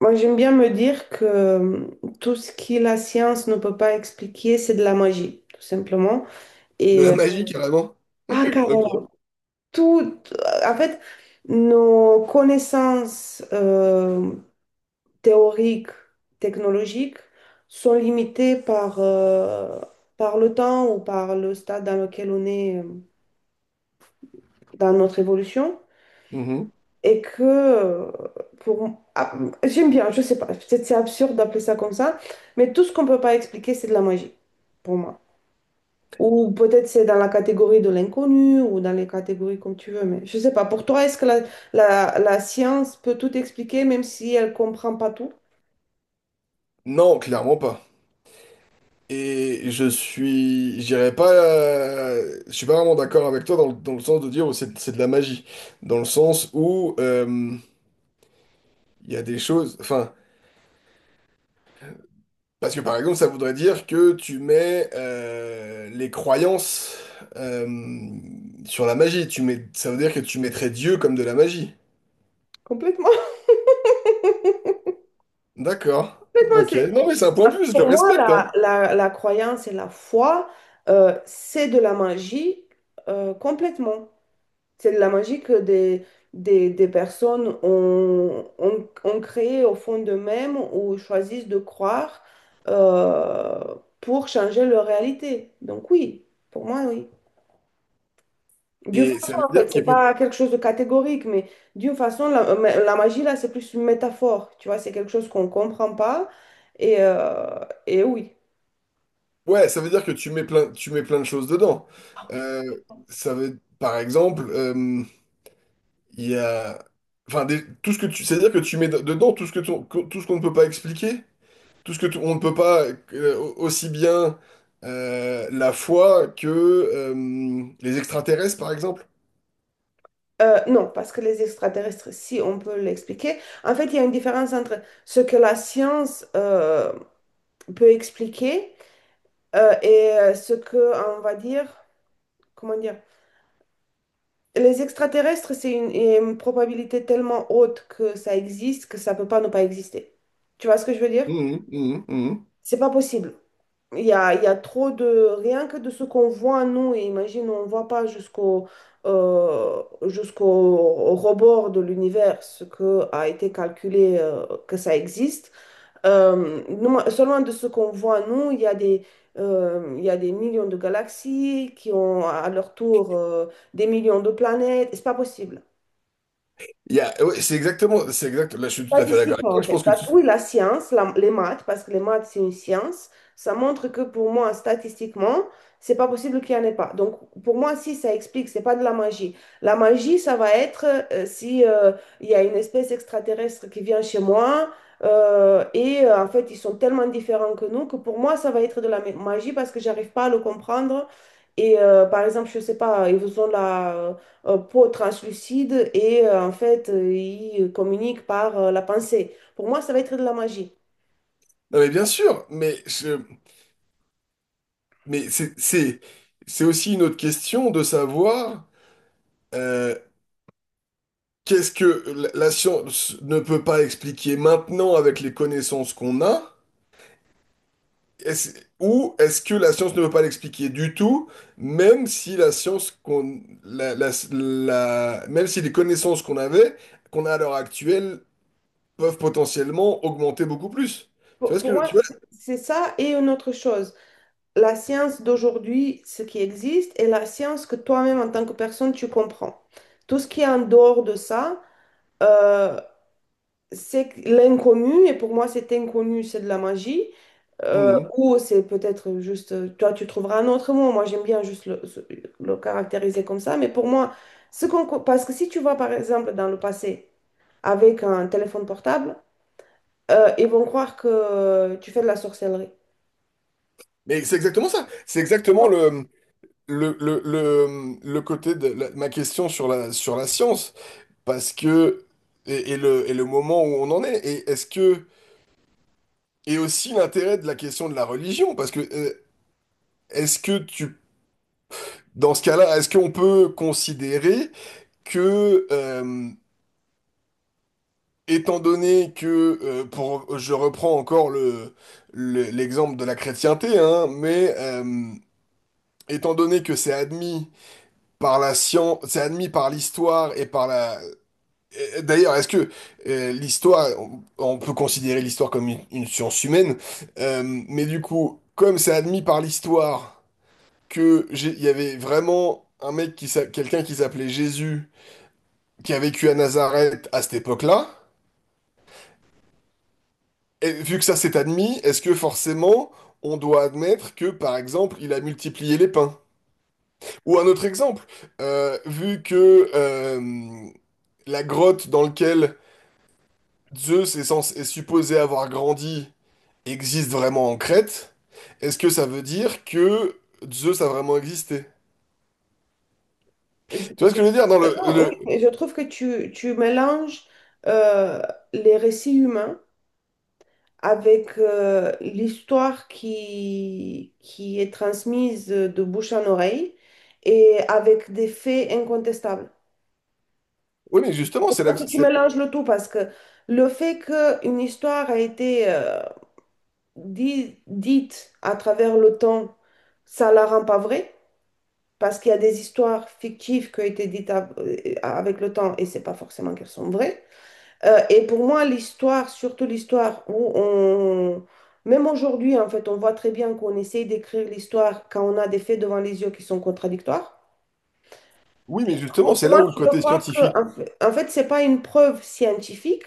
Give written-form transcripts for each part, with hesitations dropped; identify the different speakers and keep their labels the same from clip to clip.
Speaker 1: Moi, j'aime bien me dire que tout ce que la science ne peut pas expliquer, c'est de la magie, tout simplement.
Speaker 2: De
Speaker 1: Et,
Speaker 2: la
Speaker 1: euh,
Speaker 2: magie. Carrément.
Speaker 1: ah, carrément,
Speaker 2: Ok.
Speaker 1: tout, en fait, nos connaissances théoriques, technologiques sont limitées par le temps ou par le stade dans lequel on est dans notre évolution.
Speaker 2: Mhm.
Speaker 1: Et que pour ah, j'aime bien, je sais pas, peut-être c'est absurde d'appeler ça comme ça, mais tout ce qu'on peut pas expliquer, c'est de la magie pour moi. Ou peut-être c'est dans la catégorie de l'inconnu ou dans les catégories comme tu veux, mais je sais pas. Pour toi, est-ce que la science peut tout expliquer même si elle comprend pas tout
Speaker 2: Non, clairement pas. J'irais pas, je suis pas vraiment d'accord avec toi dans le sens de dire oh, c'est de la magie. Dans le sens où il y a des choses, enfin, parce que par exemple, ça voudrait dire que tu mets les croyances euh, sur la magie. Ça veut dire que tu mettrais Dieu comme de la magie.
Speaker 1: complètement?
Speaker 2: D'accord.
Speaker 1: Complètement,
Speaker 2: Ok.
Speaker 1: c'est-
Speaker 2: Non, mais c'est un point de vue, je le
Speaker 1: Pour moi,
Speaker 2: respecte, hein.
Speaker 1: la croyance et la foi, c'est de la magie, complètement. C'est la magie que des personnes ont créée au fond d'eux-mêmes ou choisissent de croire euh, pour changer leur réalité. Donc oui, pour moi, oui. D'une
Speaker 2: Et
Speaker 1: façon,
Speaker 2: ça veut
Speaker 1: en fait,
Speaker 2: dire
Speaker 1: c'est
Speaker 2: qu'il peut.
Speaker 1: pas quelque chose de catégorique, mais d'une façon, la magie, là, c'est plus une métaphore. Tu vois, c'est quelque chose qu'on comprend pas. Et, euh, et oui.
Speaker 2: Ouais, ça veut dire que tu mets plein de choses dedans.
Speaker 1: Ah oui.
Speaker 2: Euh, ça veut, par exemple, il y a, enfin, tout ce que tu, c'est-à-dire que tu mets dedans tout ce que tout ce qu'on ne peut pas expliquer, tout ce que on ne peut pas aussi bien la foi que les extraterrestres, par exemple.
Speaker 1: Non, parce que les extraterrestres, si on peut l'expliquer, en fait, il y a une différence entre ce que la science peut expliquer, et ce que, on va dire, comment dire, les extraterrestres, c'est une probabilité tellement haute que ça existe que ça peut pas ne pas exister. Tu vois ce que je veux dire?
Speaker 2: Mhm, mhm, mhm.
Speaker 1: C'est pas possible. Il y a trop de, rien que de ce qu'on voit, nous, et imagine, on ne voit pas jusqu'au rebord de l'univers ce que a été calculé, que ça existe. Nous- selon de ce qu'on voit, nous, il y a des, il y a des millions de galaxies qui ont à leur tour, des millions de planètes. C'est pas possible.
Speaker 2: Il y a, ouais, c'est exact. Là, je suis tout à fait d'accord avec
Speaker 1: Statistiquement,
Speaker 2: toi.
Speaker 1: en
Speaker 2: Je
Speaker 1: fait.
Speaker 2: pense que
Speaker 1: Parce
Speaker 2: tu-
Speaker 1: que oui, la science, les maths, parce que les maths, c'est une science, ça montre que pour moi, statistiquement, c'est pas possible qu'il n'y en ait pas. Donc, pour moi, si ça explique, c'est pas de la magie. La magie, ça va être si, il y a une espèce extraterrestre qui vient chez moi, et en fait, ils sont tellement différents que nous que pour moi, ça va être de la magie parce que j'arrive pas à le comprendre. Et par exemple, je sais pas, ils ont la peau translucide et, en fait, il communique par la pensée. Pour moi, ça va être de la magie.
Speaker 2: non, mais bien sûr, mais c'est aussi une autre question de savoir. euh, Qu'est-ce que la science ne peut pas expliquer maintenant avec les connaissances qu'on a? Est-ce- ou est-ce que la science ne peut pas l'expliquer du tout, même si la science qu'on, la- la- la- même si les connaissances qu'on avait, qu'on a à l'heure actuelle, peuvent potentiellement augmenter beaucoup plus?
Speaker 1: Pour, pour moi,
Speaker 2: Tu vois?
Speaker 1: c'est ça et une autre chose. La science d'aujourd'hui, ce qui existe, et la science que toi-même, en tant que personne, tu comprends. Tout ce qui est en dehors de ça, euh, c'est l'inconnu, et pour moi, cet inconnu, c'est de la magie.
Speaker 2: Mhm.
Speaker 1: Ou c'est peut-être juste, toi, tu trouveras un autre mot. Moi, j'aime bien juste le caractériser comme ça. Mais pour moi, parce que si tu vas, par exemple, dans le passé, avec un téléphone portable, ils vont croire que tu fais de la sorcellerie.
Speaker 2: Mais c'est exactement ça. C'est exactement le côté de la ma question sur la science. Parce que et le moment où on en est. Et est-ce que et aussi l'intérêt de la question de la religion, parce que est-ce que tu, dans ce cas-là, est-ce qu'on peut considérer que, étant donné que, pour, je reprends encore l'exemple de la chrétienté, hein, mais étant donné que c'est admis par la science, c'est admis par l'histoire et par la... et d'ailleurs, est-ce que l'histoire, on peut considérer l'histoire comme une science humaine, mais du coup, comme c'est admis par l'histoire, que il y avait vraiment un mec quelqu'un qui s'appelait Jésus qui a vécu à Nazareth à cette époque-là. Et vu que ça s'est admis, est-ce que forcément on doit admettre que par exemple il a multiplié les pains? Ou un autre exemple, vu que la grotte dans laquelle Zeus est, est supposé avoir grandi existe vraiment en Crète, est-ce que ça veut dire que Zeus a vraiment existé?
Speaker 1: Je,
Speaker 2: Tu vois ce
Speaker 1: je-
Speaker 2: que je veux dire dans
Speaker 1: non, oui,
Speaker 2: le...
Speaker 1: mais je trouve que tu mélanges euh, les récits humains avec l'histoire qui est transmise de bouche en oreille et avec des faits incontestables.
Speaker 2: Oui, mais justement,
Speaker 1: Tu mélanges le tout parce que le fait qu'une histoire a été dite à travers le temps, ça la rend pas vraie. Parce qu'il y a des histoires fictives qui ont été dites avec le temps et c'est pas forcément qu'elles sont vraies. Et pour moi, l'histoire, surtout l'histoire où on. Même aujourd'hui, en fait, on voit très bien qu'on essaye d'écrire l'histoire quand on a des faits devant les yeux qui sont contradictoires.
Speaker 2: oui, mais justement,
Speaker 1: Pour
Speaker 2: c'est là
Speaker 1: moi
Speaker 2: où le
Speaker 1: tu peux
Speaker 2: côté
Speaker 1: croire que,
Speaker 2: scientifique.
Speaker 1: en fait, c'est pas une preuve scientifique,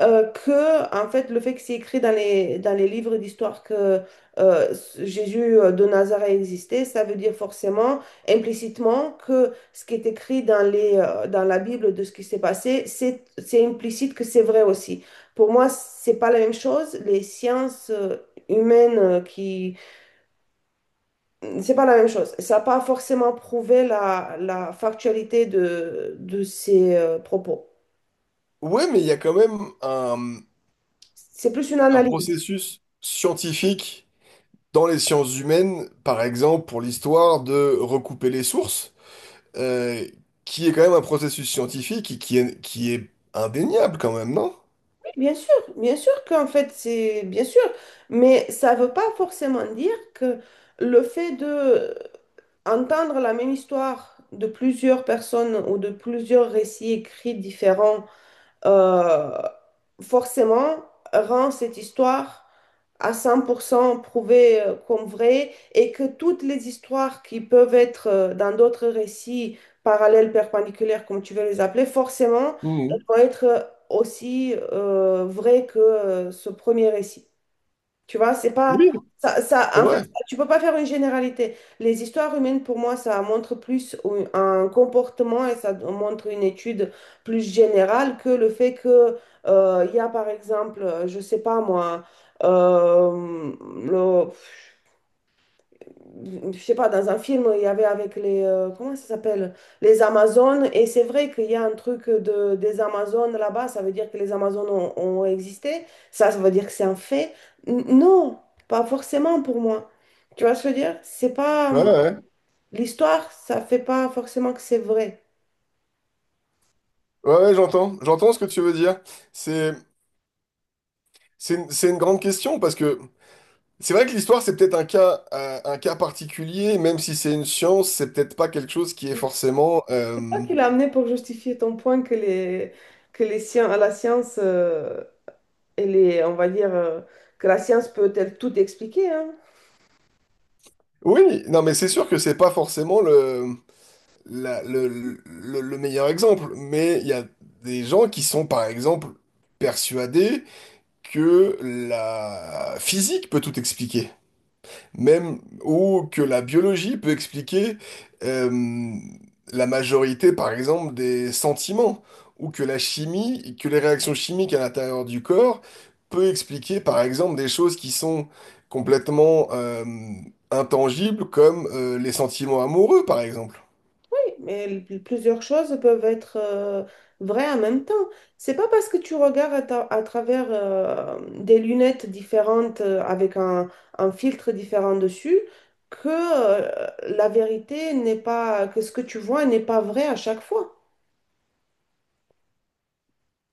Speaker 1: que en fait le fait que c'est écrit dans les livres d'histoire que Jésus de Nazareth existait, ça veut dire forcément implicitement que ce qui est écrit dans la Bible de ce qui s'est passé, c'est implicite que c'est vrai aussi. Pour moi, c'est pas la même chose. Les sciences humaines qui. C'est pas la même chose. Ça n'a pas forcément prouvé la factualité de ces propos.
Speaker 2: Ouais, mais il y a quand même
Speaker 1: C'est plus une
Speaker 2: un
Speaker 1: analyse.
Speaker 2: processus scientifique dans les sciences humaines, par exemple pour l'histoire de recouper les sources, euh, qui est quand même un processus scientifique et qui est indéniable quand même, non?
Speaker 1: Bien sûr qu'en fait, c'est bien sûr, mais ça ne veut pas forcément dire que le fait de entendre la même histoire de plusieurs personnes ou de plusieurs récits écrits différents euh, forcément rend cette histoire à 100% prouvée, comme vraie et que toutes les histoires qui peuvent être dans d'autres récits parallèles, perpendiculaires, comme tu veux les appeler, forcément, elles
Speaker 2: Mhm.
Speaker 1: vont être aussi vraies que ce premier récit. Tu vois, c'est pas
Speaker 2: Oui,
Speaker 1: ça, ça
Speaker 2: c'est
Speaker 1: en fait,
Speaker 2: vrai.
Speaker 1: tu peux pas faire une généralité. Les histoires humaines, pour moi, ça montre plus un comportement et ça montre une étude plus générale que le fait que il y a, par exemple, je sais pas moi, euh, le, je sais pas, dans un film, il y avait avec les, comment ça s'appelle? Les Amazones. Et c'est vrai qu'il y a un truc de, des Amazones là-bas, ça veut dire que les Amazones ont existé. Ça veut dire que c'est un fait. Non, pas forcément pour moi. Tu vois ce que je veux dire? C'est pas,
Speaker 2: Ouais, ouais, ouais,
Speaker 1: l'histoire, ça fait pas forcément que c'est vrai.
Speaker 2: ouais, ouais, j'entends, j'entends ce que tu veux dire. C'est, c'est une grande question parce que c'est vrai que l'histoire, c'est peut-être un cas particulier, même si c'est une science, c'est peut-être pas quelque chose qui est forcément. Euh,
Speaker 1: C'est toi qui l'as amené pour justifier ton point que la science, elle est, on va dire, que la science peut-elle tout expliquer, hein?
Speaker 2: oui, non, mais c'est sûr que c'est pas forcément le, la- le meilleur exemple. Mais il y a des gens qui sont, par exemple, persuadés que la physique peut tout expliquer. Même ou que la biologie peut expliquer euh, la majorité, par exemple, des sentiments, ou que la chimie, que les réactions chimiques à l'intérieur du corps peut expliquer, par exemple, des choses qui sont complètement intangibles, comme les sentiments amoureux, par exemple.
Speaker 1: Mais plusieurs choses peuvent être vraies en même temps. C'est pas parce que tu regardes à travers des lunettes différentes avec un filtre différent dessus que la vérité n'est pas, que ce que tu vois n'est pas vrai à chaque fois.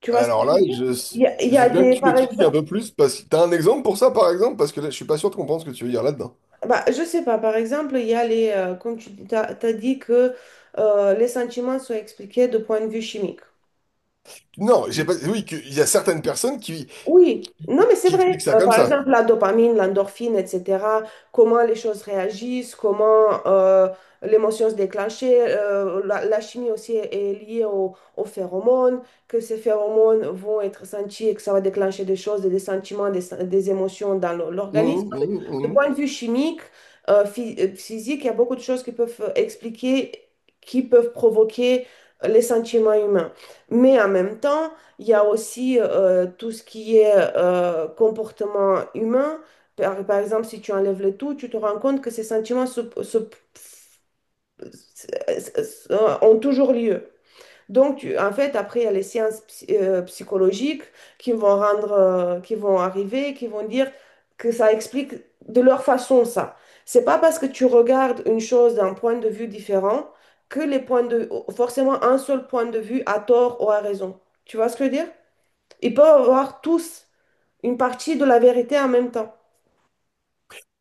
Speaker 1: Tu vois ce que
Speaker 2: Alors
Speaker 1: je
Speaker 2: là,
Speaker 1: veux dire?
Speaker 2: je,
Speaker 1: Il y a, il y
Speaker 2: je
Speaker 1: a
Speaker 2: veux bien que
Speaker 1: des,
Speaker 2: tu
Speaker 1: par
Speaker 2: m'expliques un
Speaker 1: exemple,
Speaker 2: peu plus, parce que t'as un exemple pour ça, par exemple, parce que là, je suis pas sûr de comprendre ce que tu veux dire là-dedans.
Speaker 1: bah, je sais pas, par exemple, il y a les, comme tu as dit que les sentiments sont expliqués de point de vue chimique.
Speaker 2: Non, j'ai pas, oui, il y a certaines personnes
Speaker 1: Oui, non, mais c'est
Speaker 2: qui
Speaker 1: vrai.
Speaker 2: expliquent ça comme
Speaker 1: Par
Speaker 2: ça.
Speaker 1: exemple, la dopamine, l'endorphine, etc., comment les choses réagissent, comment l'émotion se déclenche. La chimie aussi est liée aux phéromones, que ces phéromones vont être sentis et que ça va déclencher des choses, des sentiments, des émotions dans l'o-
Speaker 2: Mhm,
Speaker 1: l'organisme. En fait,
Speaker 2: mhm,
Speaker 1: de
Speaker 2: mhm.
Speaker 1: point de vue chimique, physique, il y a beaucoup de choses qui peuvent expliquer, qui peuvent provoquer les sentiments humains. Mais en même temps, il y a aussi tout ce qui est comportement humain. Par exemple, si tu enlèves le tout, tu te rends compte que ces sentiments ont toujours lieu. Donc, en fait, après, il y a les sciences psychologiques qui vont rendre, qui vont arriver, qui vont dire que ça explique de leur façon ça. C'est pas parce que tu regardes une chose d'un point de vue différent que les points de, forcément un seul point de vue a tort ou a raison. Tu vois ce que je veux dire? Ils peuvent avoir tous une partie de la vérité en même temps,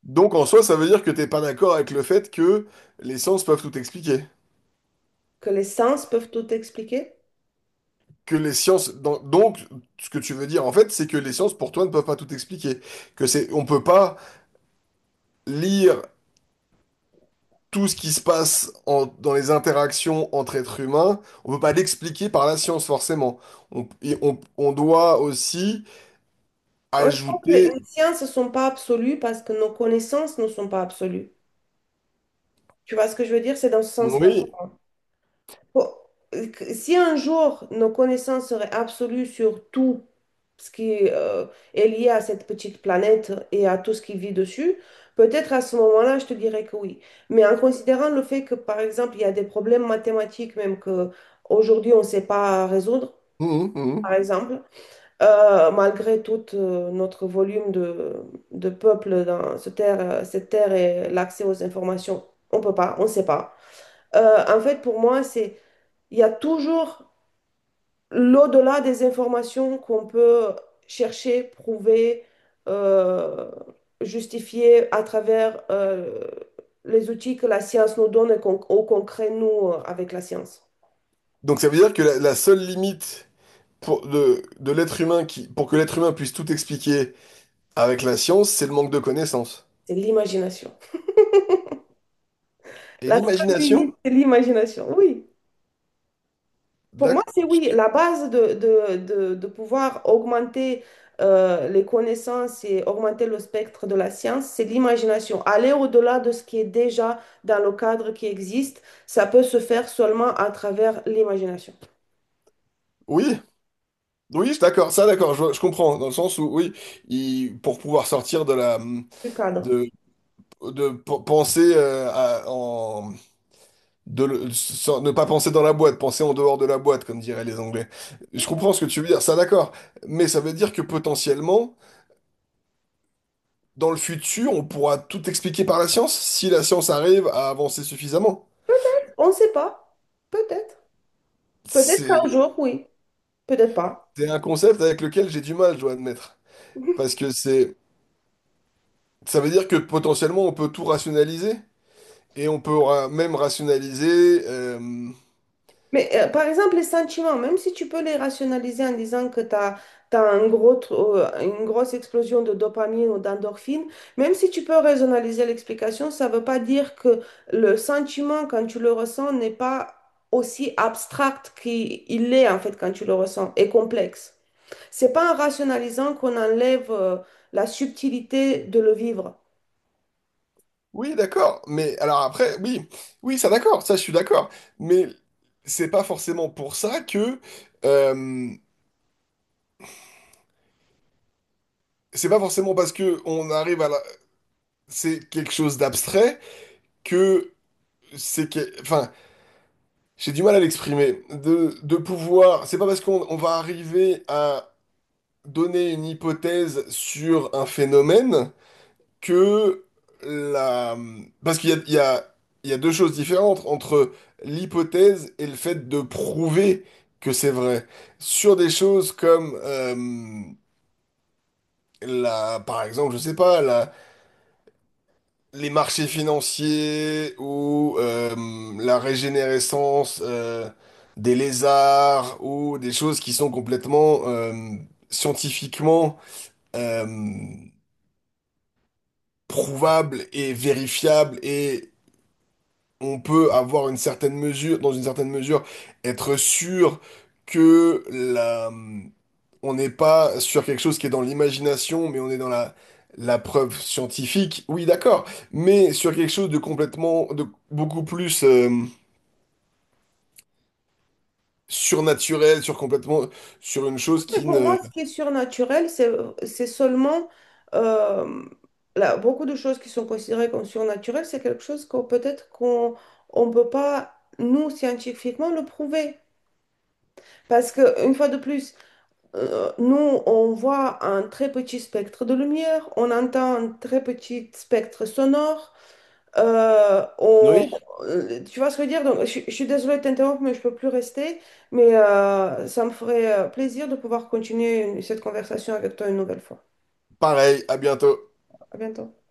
Speaker 2: Donc en soi, ça veut dire que t'es pas d'accord avec le fait que les sciences peuvent tout expliquer.
Speaker 1: que les sens peuvent tout expliquer.
Speaker 2: Que les sciences, donc ce que tu veux dire en fait, c'est que les sciences pour toi ne peuvent pas tout expliquer. Que c'est, on peut pas lire tout ce qui se passe dans les interactions entre êtres humains. On peut pas l'expliquer par la science forcément. On doit aussi
Speaker 1: Moi, je pense que
Speaker 2: ajouter,
Speaker 1: les sciences ne sont pas absolues parce que nos connaissances ne sont pas absolues. Tu vois ce que je veux dire? C'est dans ce sens-là.
Speaker 2: oui.
Speaker 1: Faut- Si un jour nos connaissances seraient absolues sur tout ce qui est lié à cette petite planète et à tout ce qui vit dessus, peut-être à ce moment-là, je te dirais que oui. Mais en considérant le fait que, par exemple, il y a des problèmes mathématiques même que aujourd'hui on ne sait pas résoudre,
Speaker 2: Mhm,
Speaker 1: par
Speaker 2: mhm.
Speaker 1: exemple, malgré tout notre volume de peuple dans cette terre et l'accès aux informations, on peut pas, on sait pas. En fait, pour moi, c'est, il y a toujours l'au-delà des informations qu'on peut chercher, prouver, euh, justifier à travers les outils que la science nous donne et qu'on, ou qu'on crée nous avec la science.
Speaker 2: Donc ça veut dire que la seule limite pour de l'être humain qui, pour que l'être humain puisse tout expliquer. Avec la science, c'est le manque de connaissances.
Speaker 1: C'est l'imagination.
Speaker 2: Et
Speaker 1: La seule limite,
Speaker 2: l'imagination?
Speaker 1: c'est l'imagination. Oui, pour moi,
Speaker 2: D'ac-
Speaker 1: c'est oui. La base de pouvoir augmenter les connaissances et augmenter le spectre de la science, c'est l'imagination. Aller au-delà de ce qui est déjà dans le cadre qui existe, ça peut se faire seulement à travers l'imagination
Speaker 2: oui, oui, d'accord, je comprends, dans le sens où, oui, pour pouvoir sortir de la...
Speaker 1: du cadre.
Speaker 2: de, de penser de le- sans- ne pas penser dans la boîte, penser en dehors de la boîte, comme diraient les Anglais. Je comprends ce que tu veux dire, ça d'accord, mais ça veut dire que potentiellement, dans le futur, on pourra tout expliquer par la science, si la science arrive à avancer suffisamment.
Speaker 1: On ne sait pas, peut-être. Peut-être un
Speaker 2: C'est
Speaker 1: jour, oui, peut-être pas.
Speaker 2: c'est un concept avec lequel j'ai du mal, je dois admettre. Parce que c'est, ça veut dire que potentiellement on peut tout rationaliser et on peut même rationaliser. Euh,
Speaker 1: Mais par exemple, les sentiments, même si tu peux les rationaliser en disant que tu as, un gros, tr- une grosse explosion de dopamine ou d'endorphine, même si tu peux rationaliser l'explication, ça ne veut pas dire que le sentiment, quand tu le ressens, n'est pas aussi abstract qu'il il est en fait quand tu le ressens, et complexe. C'est pas en rationalisant qu'on enlève la subtilité de le vivre.
Speaker 2: oui, d'accord. Mais alors après, oui, oui, ça d'accord, ça je suis d'accord. Mais c'est pas forcément pour ça que euh, c'est pas forcément parce que on arrive à la... c'est quelque chose d'abstrait que c'est que... enfin, j'ai du mal à l'exprimer. De pouvoir, c'est pas parce qu'on on va arriver à donner une hypothèse sur un phénomène que la... Parce qu'il y a deux choses différentes entre l'hypothèse et le fait de prouver que c'est vrai. Sur des choses comme, la, par exemple, je sais pas, la, les marchés financiers ou la régénérescence des lézards ou des choses qui sont complètement scientifiquement euh, prouvables et vérifiables et on peut avoir dans une certaine mesure, être sûr que on n'est pas sur quelque chose qui est dans l'imagination, mais on est dans la, la preuve scientifique. Oui, d'accord, mais sur quelque chose de complètement, de beaucoup plus surnaturel, sur complètement, sur une chose
Speaker 1: Mais
Speaker 2: qui
Speaker 1: pour
Speaker 2: ne.
Speaker 1: moi, ce qui est surnaturel, c'est seulement euh, là, beaucoup de choses qui sont considérées comme surnaturelles, c'est quelque chose qu'on peut-être qu'on on peut pas, nous, scientifiquement, le prouver. Parce que, une fois de plus, nous, on voit un très petit spectre de lumière, on entend un très petit spectre sonore. Euh, on-
Speaker 2: Oui,
Speaker 1: Tu vois ce que je veux dire? Donc, je suis désolée de t'interrompre, mais je peux plus rester. Mais ça me ferait plaisir de pouvoir continuer cette conversation avec toi une nouvelle fois.
Speaker 2: pareil, à bientôt.
Speaker 1: À bientôt.